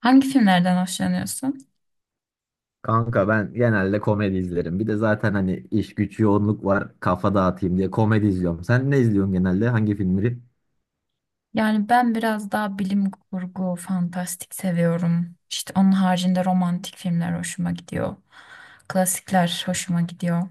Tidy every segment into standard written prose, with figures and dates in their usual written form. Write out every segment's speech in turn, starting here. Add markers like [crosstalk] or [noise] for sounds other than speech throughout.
Hangi filmlerden hoşlanıyorsun? Kanka ben genelde komedi izlerim. Bir de zaten hani iş güç yoğunluk var. Kafa dağıtayım diye komedi izliyorum. Sen ne izliyorsun genelde? Hangi filmleri? Yani ben biraz daha bilim kurgu, fantastik seviyorum. İşte onun haricinde romantik filmler hoşuma gidiyor. Klasikler hoşuma gidiyor.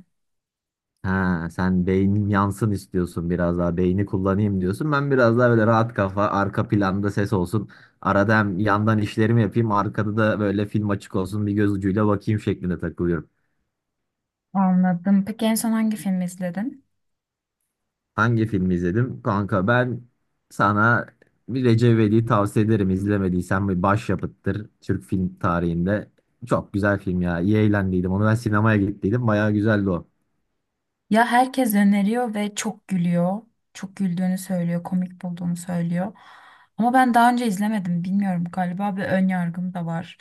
Ha, sen beynin yansın istiyorsun biraz daha. Beyni kullanayım diyorsun. Ben biraz daha böyle rahat kafa, arka planda ses olsun. Arada hem yandan işlerimi yapayım, arkada da böyle film açık olsun. Bir göz ucuyla bakayım şeklinde takılıyorum. Anladım. Peki en son hangi film izledin? Hangi filmi izledim? Kanka ben sana bir Recep İvedik'i tavsiye ederim. İzlemediysen bir başyapıttır Türk film tarihinde. Çok güzel film ya. İyi eğlendiydim. Onu ben sinemaya gittiydim. Bayağı güzeldi o. Ya herkes öneriyor ve çok gülüyor. Çok güldüğünü söylüyor, komik bulduğunu söylüyor. Ama ben daha önce izlemedim. Bilmiyorum galiba bir ön yargım da var.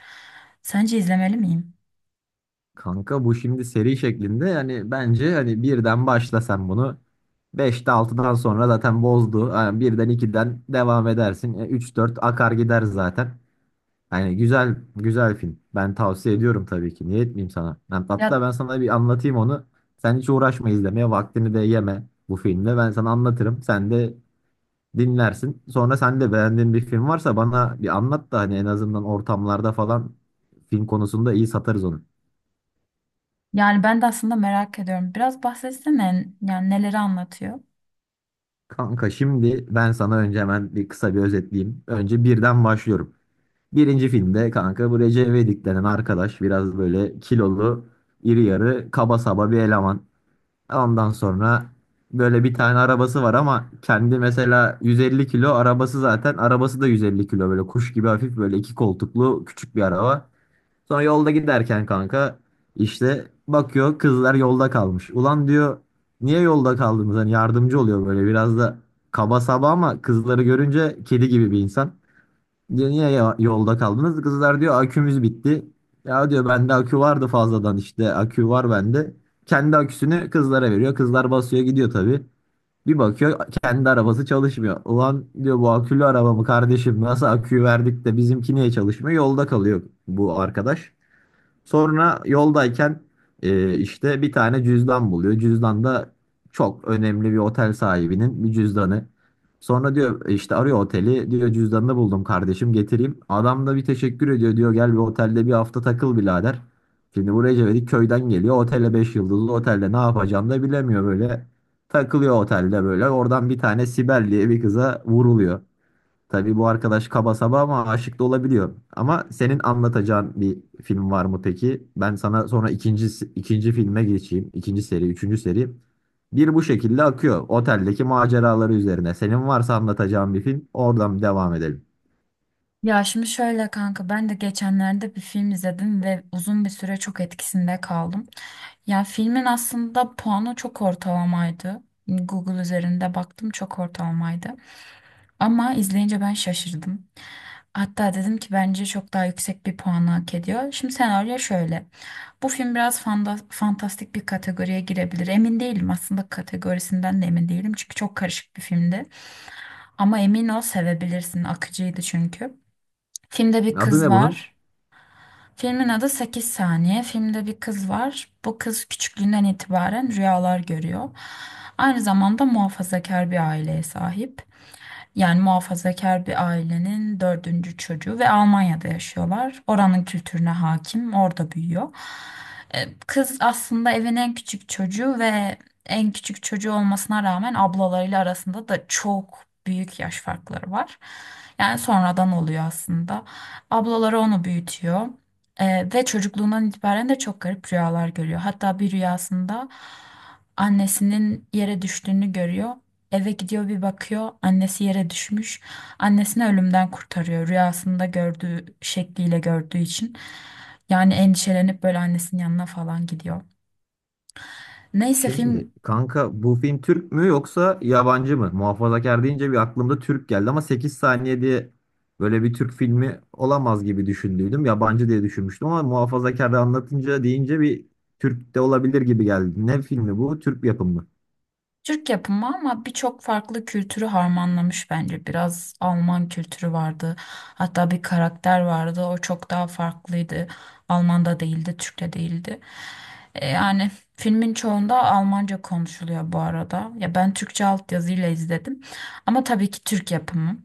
Sence izlemeli miyim? Kanka bu şimdi seri şeklinde yani bence hani birden başla sen bunu. Beşte altıdan sonra zaten bozdu. Yani birden ikiden devam edersin. Üç dört akar gider zaten. Yani güzel güzel film. Ben tavsiye ediyorum tabii ki. Niye etmeyeyim sana? Hatta Ya ben sana bir anlatayım onu. Sen hiç uğraşma izlemeye. Vaktini de yeme bu filmle. Ben sana anlatırım. Sen de dinlersin. Sonra sen de beğendiğin bir film varsa bana bir anlat da hani en azından ortamlarda falan film konusunda iyi satarız onu. yani ben de aslında merak ediyorum. Biraz bahsetsene yani neleri anlatıyor? Kanka şimdi ben sana önce hemen bir kısa bir özetleyeyim. Önce birden başlıyorum. Birinci filmde kanka bu Recep İvedik denen arkadaş biraz böyle kilolu, iri yarı, kaba saba bir eleman. Ondan sonra böyle bir tane arabası var ama kendi mesela 150 kilo arabası zaten arabası da 150 kilo böyle kuş gibi hafif böyle iki koltuklu küçük bir araba. Sonra yolda giderken kanka işte bakıyor kızlar yolda kalmış. Ulan diyor niye yolda kaldınız? Hani yardımcı oluyor böyle biraz da kaba saba ama kızları görünce kedi gibi bir insan. Diyor niye yolda kaldınız? Kızlar diyor akümüz bitti. Ya diyor bende akü vardı fazladan işte akü var bende. Kendi aküsünü kızlara veriyor. Kızlar basıyor gidiyor tabii. Bir bakıyor kendi arabası çalışmıyor. Ulan diyor bu akülü arabamı kardeşim nasıl aküyü verdik de bizimki niye çalışmıyor? Yolda kalıyor bu arkadaş. Sonra yoldayken işte bir tane cüzdan buluyor. Cüzdan da çok önemli bir otel sahibinin bir cüzdanı. Sonra diyor işte arıyor oteli. Diyor cüzdanını buldum kardeşim getireyim. Adam da bir teşekkür ediyor. Diyor gel bir otelde bir hafta takıl birader. Şimdi buraya Cevdet köyden geliyor. Otele 5 yıldızlı otelde ne yapacağını da bilemiyor böyle. Takılıyor otelde böyle. Oradan bir tane Sibel diye bir kıza vuruluyor. Tabii bu arkadaş kaba saba ama aşık da olabiliyor. Ama senin anlatacağın bir film var mı peki? Ben sana sonra ikinci filme geçeyim. İkinci seri, üçüncü seri. Bir bu şekilde akıyor. Oteldeki maceraları üzerine. Senin varsa anlatacağın bir film, oradan devam edelim. Ya şimdi şöyle kanka ben de geçenlerde bir film izledim ve uzun bir süre çok etkisinde kaldım. Ya filmin aslında puanı çok ortalamaydı. Google üzerinde baktım çok ortalamaydı. Ama izleyince ben şaşırdım. Hatta dedim ki bence çok daha yüksek bir puanı hak ediyor. Şimdi senaryo şöyle. Bu film biraz fantastik bir kategoriye girebilir. Emin değilim aslında kategorisinden de emin değilim. Çünkü çok karışık bir filmdi. Ama emin ol sevebilirsin. Akıcıydı çünkü. Filmde bir Adı kız ne bunun? var. Filmin adı Sekiz saniye. Filmde bir kız var. Bu kız küçüklüğünden itibaren rüyalar görüyor. Aynı zamanda muhafazakar bir aileye sahip. Yani muhafazakar bir ailenin dördüncü çocuğu ve Almanya'da yaşıyorlar. Oranın kültürüne hakim, orada büyüyor. Kız aslında evin en küçük çocuğu ve en küçük çocuğu olmasına rağmen ablalarıyla arasında da çok büyük yaş farkları var. Yani sonradan oluyor aslında. Ablaları onu büyütüyor. Ve çocukluğundan itibaren de çok garip rüyalar görüyor. Hatta bir rüyasında annesinin yere düştüğünü görüyor. Eve gidiyor bir bakıyor annesi yere düşmüş. Annesini ölümden kurtarıyor rüyasında gördüğü şekliyle gördüğü için. Yani endişelenip böyle annesinin yanına falan gidiyor. Neyse Şimdi film kanka bu film Türk mü yoksa yabancı mı? Muhafazakar deyince bir aklımda Türk geldi ama 8 saniye diye böyle bir Türk filmi olamaz gibi düşündüydüm. Yabancı diye düşünmüştüm ama muhafazakar anlatınca deyince bir Türk de olabilir gibi geldi. Ne filmi bu? Türk yapımı. Türk yapımı ama birçok farklı kültürü harmanlamış bence. Biraz Alman kültürü vardı. Hatta bir karakter vardı. O çok daha farklıydı. Alman'da değildi, Türk'te değildi. Yani filmin çoğunda Almanca konuşuluyor bu arada. Ya ben Türkçe altyazıyla izledim. Ama tabii ki Türk yapımı.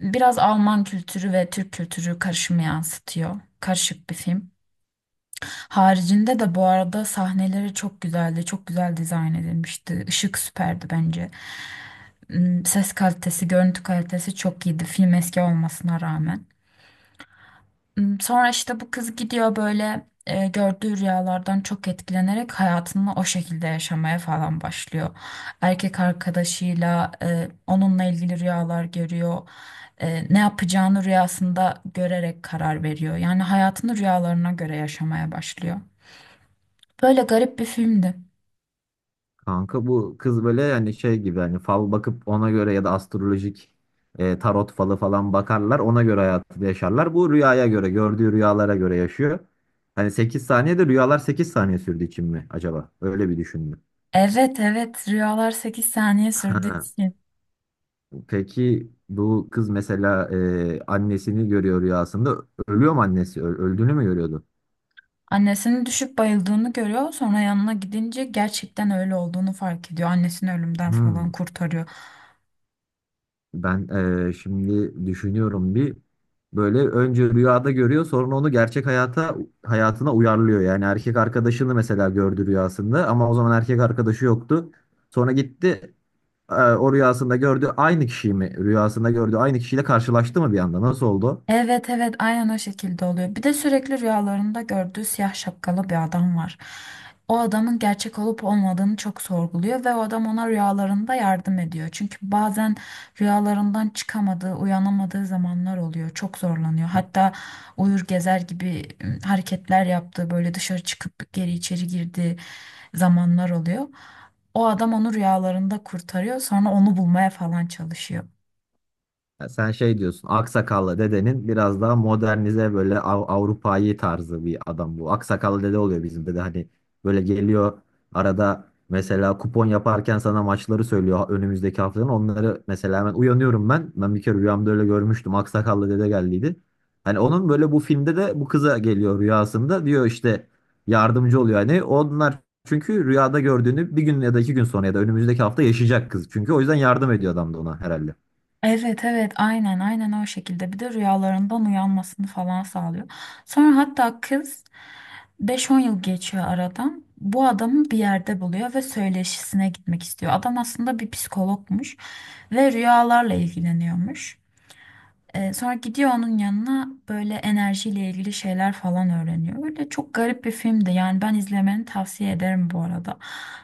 Biraz Alman kültürü ve Türk kültürü karışımı yansıtıyor. Karışık bir film. Haricinde de bu arada sahneleri çok güzeldi. Çok güzel dizayn edilmişti. Işık süperdi bence. Ses kalitesi, görüntü kalitesi çok iyiydi film eski olmasına rağmen. Sonra işte bu kız gidiyor böyle gördüğü rüyalardan çok etkilenerek hayatını o şekilde yaşamaya falan başlıyor. Erkek arkadaşıyla onunla ilgili rüyalar görüyor. Ne yapacağını rüyasında görerek karar veriyor. Yani hayatını rüyalarına göre yaşamaya başlıyor. Böyle garip bir filmdi. Kanka bu kız böyle yani şey gibi hani fal bakıp ona göre ya da astrolojik tarot falı falan bakarlar ona göre hayatı yaşarlar. Bu rüyaya göre gördüğü rüyalara göre yaşıyor. Hani 8 saniyede rüyalar 8 saniye sürdüğü için mi acaba? Öyle bir düşündüm. Evet, evet, rüyalar 8 saniye sürdü. Ha, peki bu kız mesela annesini görüyor rüyasında. Ölüyor mu annesi? Öldüğünü mü görüyordu? Annesinin düşüp bayıldığını görüyor. Sonra yanına gidince gerçekten öyle olduğunu fark ediyor. Annesini ölümden falan Hmm. kurtarıyor. Ben şimdi düşünüyorum bir böyle önce rüyada görüyor sonra onu gerçek hayatına uyarlıyor. Yani erkek arkadaşını mesela gördü rüyasında ama o zaman erkek arkadaşı yoktu. Sonra gitti o rüyasında gördüğü aynı kişiyle karşılaştı mı bir anda nasıl oldu? Evet, evet, aynen o şekilde oluyor. Bir de sürekli rüyalarında gördüğü siyah şapkalı bir adam var. O adamın gerçek olup olmadığını çok sorguluyor ve o adam ona rüyalarında yardım ediyor. Çünkü bazen rüyalarından çıkamadığı, uyanamadığı zamanlar oluyor. Çok zorlanıyor. Hatta uyur gezer gibi hareketler yaptığı, böyle dışarı çıkıp geri içeri girdiği zamanlar oluyor. O adam onu rüyalarında kurtarıyor, sonra onu bulmaya falan çalışıyor. Ya sen şey diyorsun, aksakallı dedenin biraz daha modernize böyle Avrupa'yı tarzı bir adam bu. Aksakallı dede oluyor bizim dede hani böyle geliyor arada mesela kupon yaparken sana maçları söylüyor önümüzdeki haftanın. Onları mesela hemen uyanıyorum ben. Ben bir kere rüyamda öyle görmüştüm. Aksakallı dede geldiydi. Hani onun böyle bu filmde de bu kıza geliyor rüyasında diyor işte yardımcı oluyor hani onlar çünkü rüyada gördüğünü bir gün ya da iki gün sonra ya da önümüzdeki hafta yaşayacak kız. Çünkü o yüzden yardım ediyor adam da ona herhalde. Evet, evet, aynen, aynen o şekilde bir de rüyalarından uyanmasını falan sağlıyor. Sonra hatta kız 5-10 yıl geçiyor aradan bu adamı bir yerde buluyor ve söyleşisine gitmek istiyor. Adam aslında bir psikologmuş ve rüyalarla ilgileniyormuş. Sonra gidiyor onun yanına böyle enerjiyle ilgili şeyler falan öğreniyor. Öyle çok garip bir filmdi yani ben izlemeni tavsiye ederim bu arada.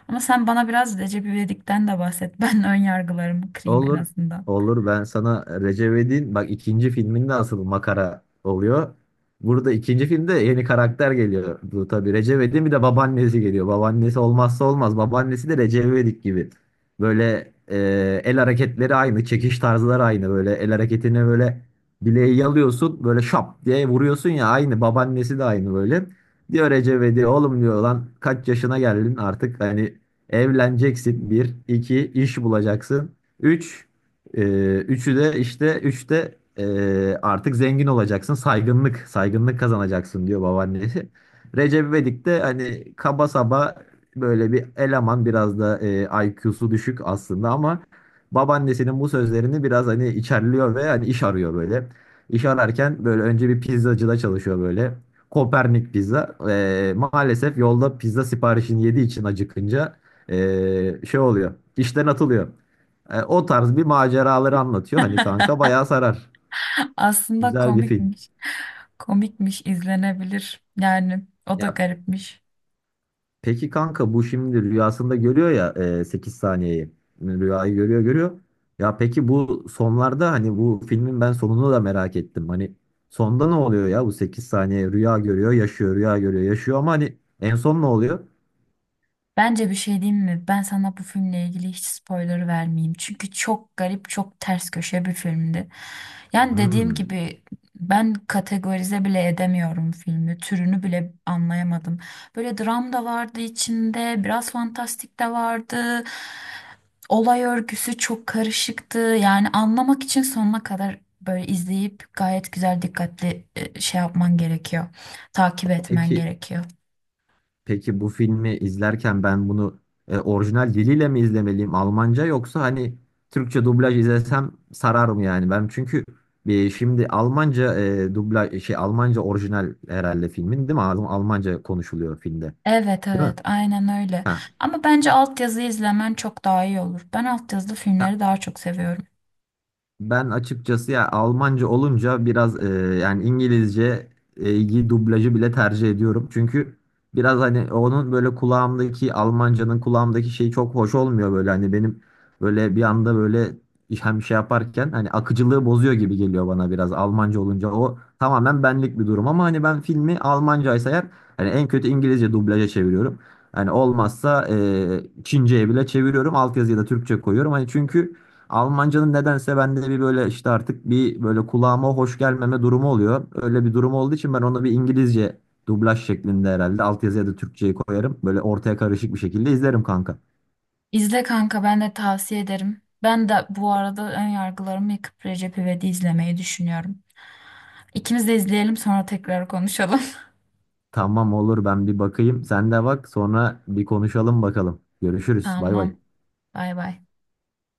Ama sen bana biraz Recep İvedik'ten de bahset. [laughs] Ben ön yargılarımı kırayım en Olur. azından. Olur. Ben sana Recep İvedik'in bak ikinci filminde asıl makara oluyor. Burada ikinci filmde yeni karakter geliyor. Bu tabii Recep İvedik'in bir de babaannesi geliyor. Babaannesi olmazsa olmaz. Babaannesi de Recep İvedik gibi. Böyle el hareketleri aynı, çekiş tarzları aynı. Böyle el hareketini böyle bileği yalıyorsun, böyle şap diye vuruyorsun ya aynı. Babaannesi de aynı böyle. Diyor Recep İvedik, oğlum diyor lan kaç yaşına geldin artık hani. Evleneceksin bir, iki iş bulacaksın. Üç, e, üçü de işte üçte artık zengin olacaksın. Saygınlık, saygınlık kazanacaksın diyor babaannesi. Recep İvedik de hani kaba saba böyle bir eleman biraz da IQ'su düşük aslında ama babaannesinin bu sözlerini biraz hani içerliyor ve hani iş arıyor böyle. İş ararken böyle önce bir pizzacıda çalışıyor böyle. Kopernik pizza. Maalesef yolda pizza siparişini yediği için acıkınca e, şey oluyor. İşten atılıyor. O tarz bir maceraları anlatıyor. Hani kanka [laughs] bayağı sarar. Aslında Güzel bir film. komikmiş. Komikmiş, izlenebilir. Yani o da Ya garipmiş. peki kanka bu şimdi rüyasında görüyor ya 8 saniyeyi. Rüyayı görüyor görüyor. Ya peki bu sonlarda hani bu filmin ben sonunu da merak ettim. Hani sonda ne oluyor ya bu 8 saniye rüya görüyor yaşıyor rüya görüyor yaşıyor ama hani en son ne oluyor? Bence bir şey diyeyim mi? Ben sana bu filmle ilgili hiç spoiler vermeyeyim. Çünkü çok garip, çok ters köşe bir filmdi. Yani dediğim Hmm. gibi ben kategorize bile edemiyorum filmi. Türünü bile anlayamadım. Böyle dram da vardı içinde, biraz fantastik de vardı. Olay örgüsü çok karışıktı. Yani anlamak için sonuna kadar böyle izleyip gayet güzel dikkatli şey yapman gerekiyor. Takip etmen Peki gerekiyor. Peki bu filmi izlerken ben bunu orijinal diliyle mi izlemeliyim? Almanca yoksa hani Türkçe dublaj izlesem sarar mı yani? Ben çünkü bir şimdi Almanca dublaj şey Almanca orijinal herhalde filmin değil mi? Almanca konuşuluyor filmde. Evet, Değil mi? evet, aynen öyle. Ha. Ama bence altyazı izlemen çok daha iyi olur. Ben altyazılı Ha, filmleri daha çok seviyorum. ben açıkçası ya Almanca olunca biraz yani İngilizce iyi dublajı bile tercih ediyorum. Çünkü biraz hani onun böyle kulağımdaki Almancanın kulağımdaki şeyi çok hoş olmuyor böyle hani benim böyle bir anda böyle hem şey yaparken hani akıcılığı bozuyor gibi geliyor bana biraz Almanca olunca o tamamen benlik bir durum ama hani ben filmi Almancaysa eğer hani en kötü İngilizce dublaja çeviriyorum. Hani olmazsa Çince'ye bile çeviriyorum altyazıya da Türkçe koyuyorum hani çünkü Almancanın nedense bende bir böyle işte artık bir böyle kulağıma hoş gelmeme durumu oluyor. Öyle bir durum olduğu için ben ona bir İngilizce dublaj şeklinde herhalde altyazıya da Türkçeyi koyarım. Böyle ortaya karışık bir şekilde izlerim kanka. İzle kanka ben de tavsiye ederim. Ben de bu arada ön yargılarımı yıkıp Recep İvedik'i izlemeyi düşünüyorum. İkimiz de izleyelim sonra tekrar konuşalım. Tamam olur ben bir bakayım. Sen de bak sonra bir konuşalım bakalım. [laughs] Görüşürüz. Bay Tamam. bay. Bay bay.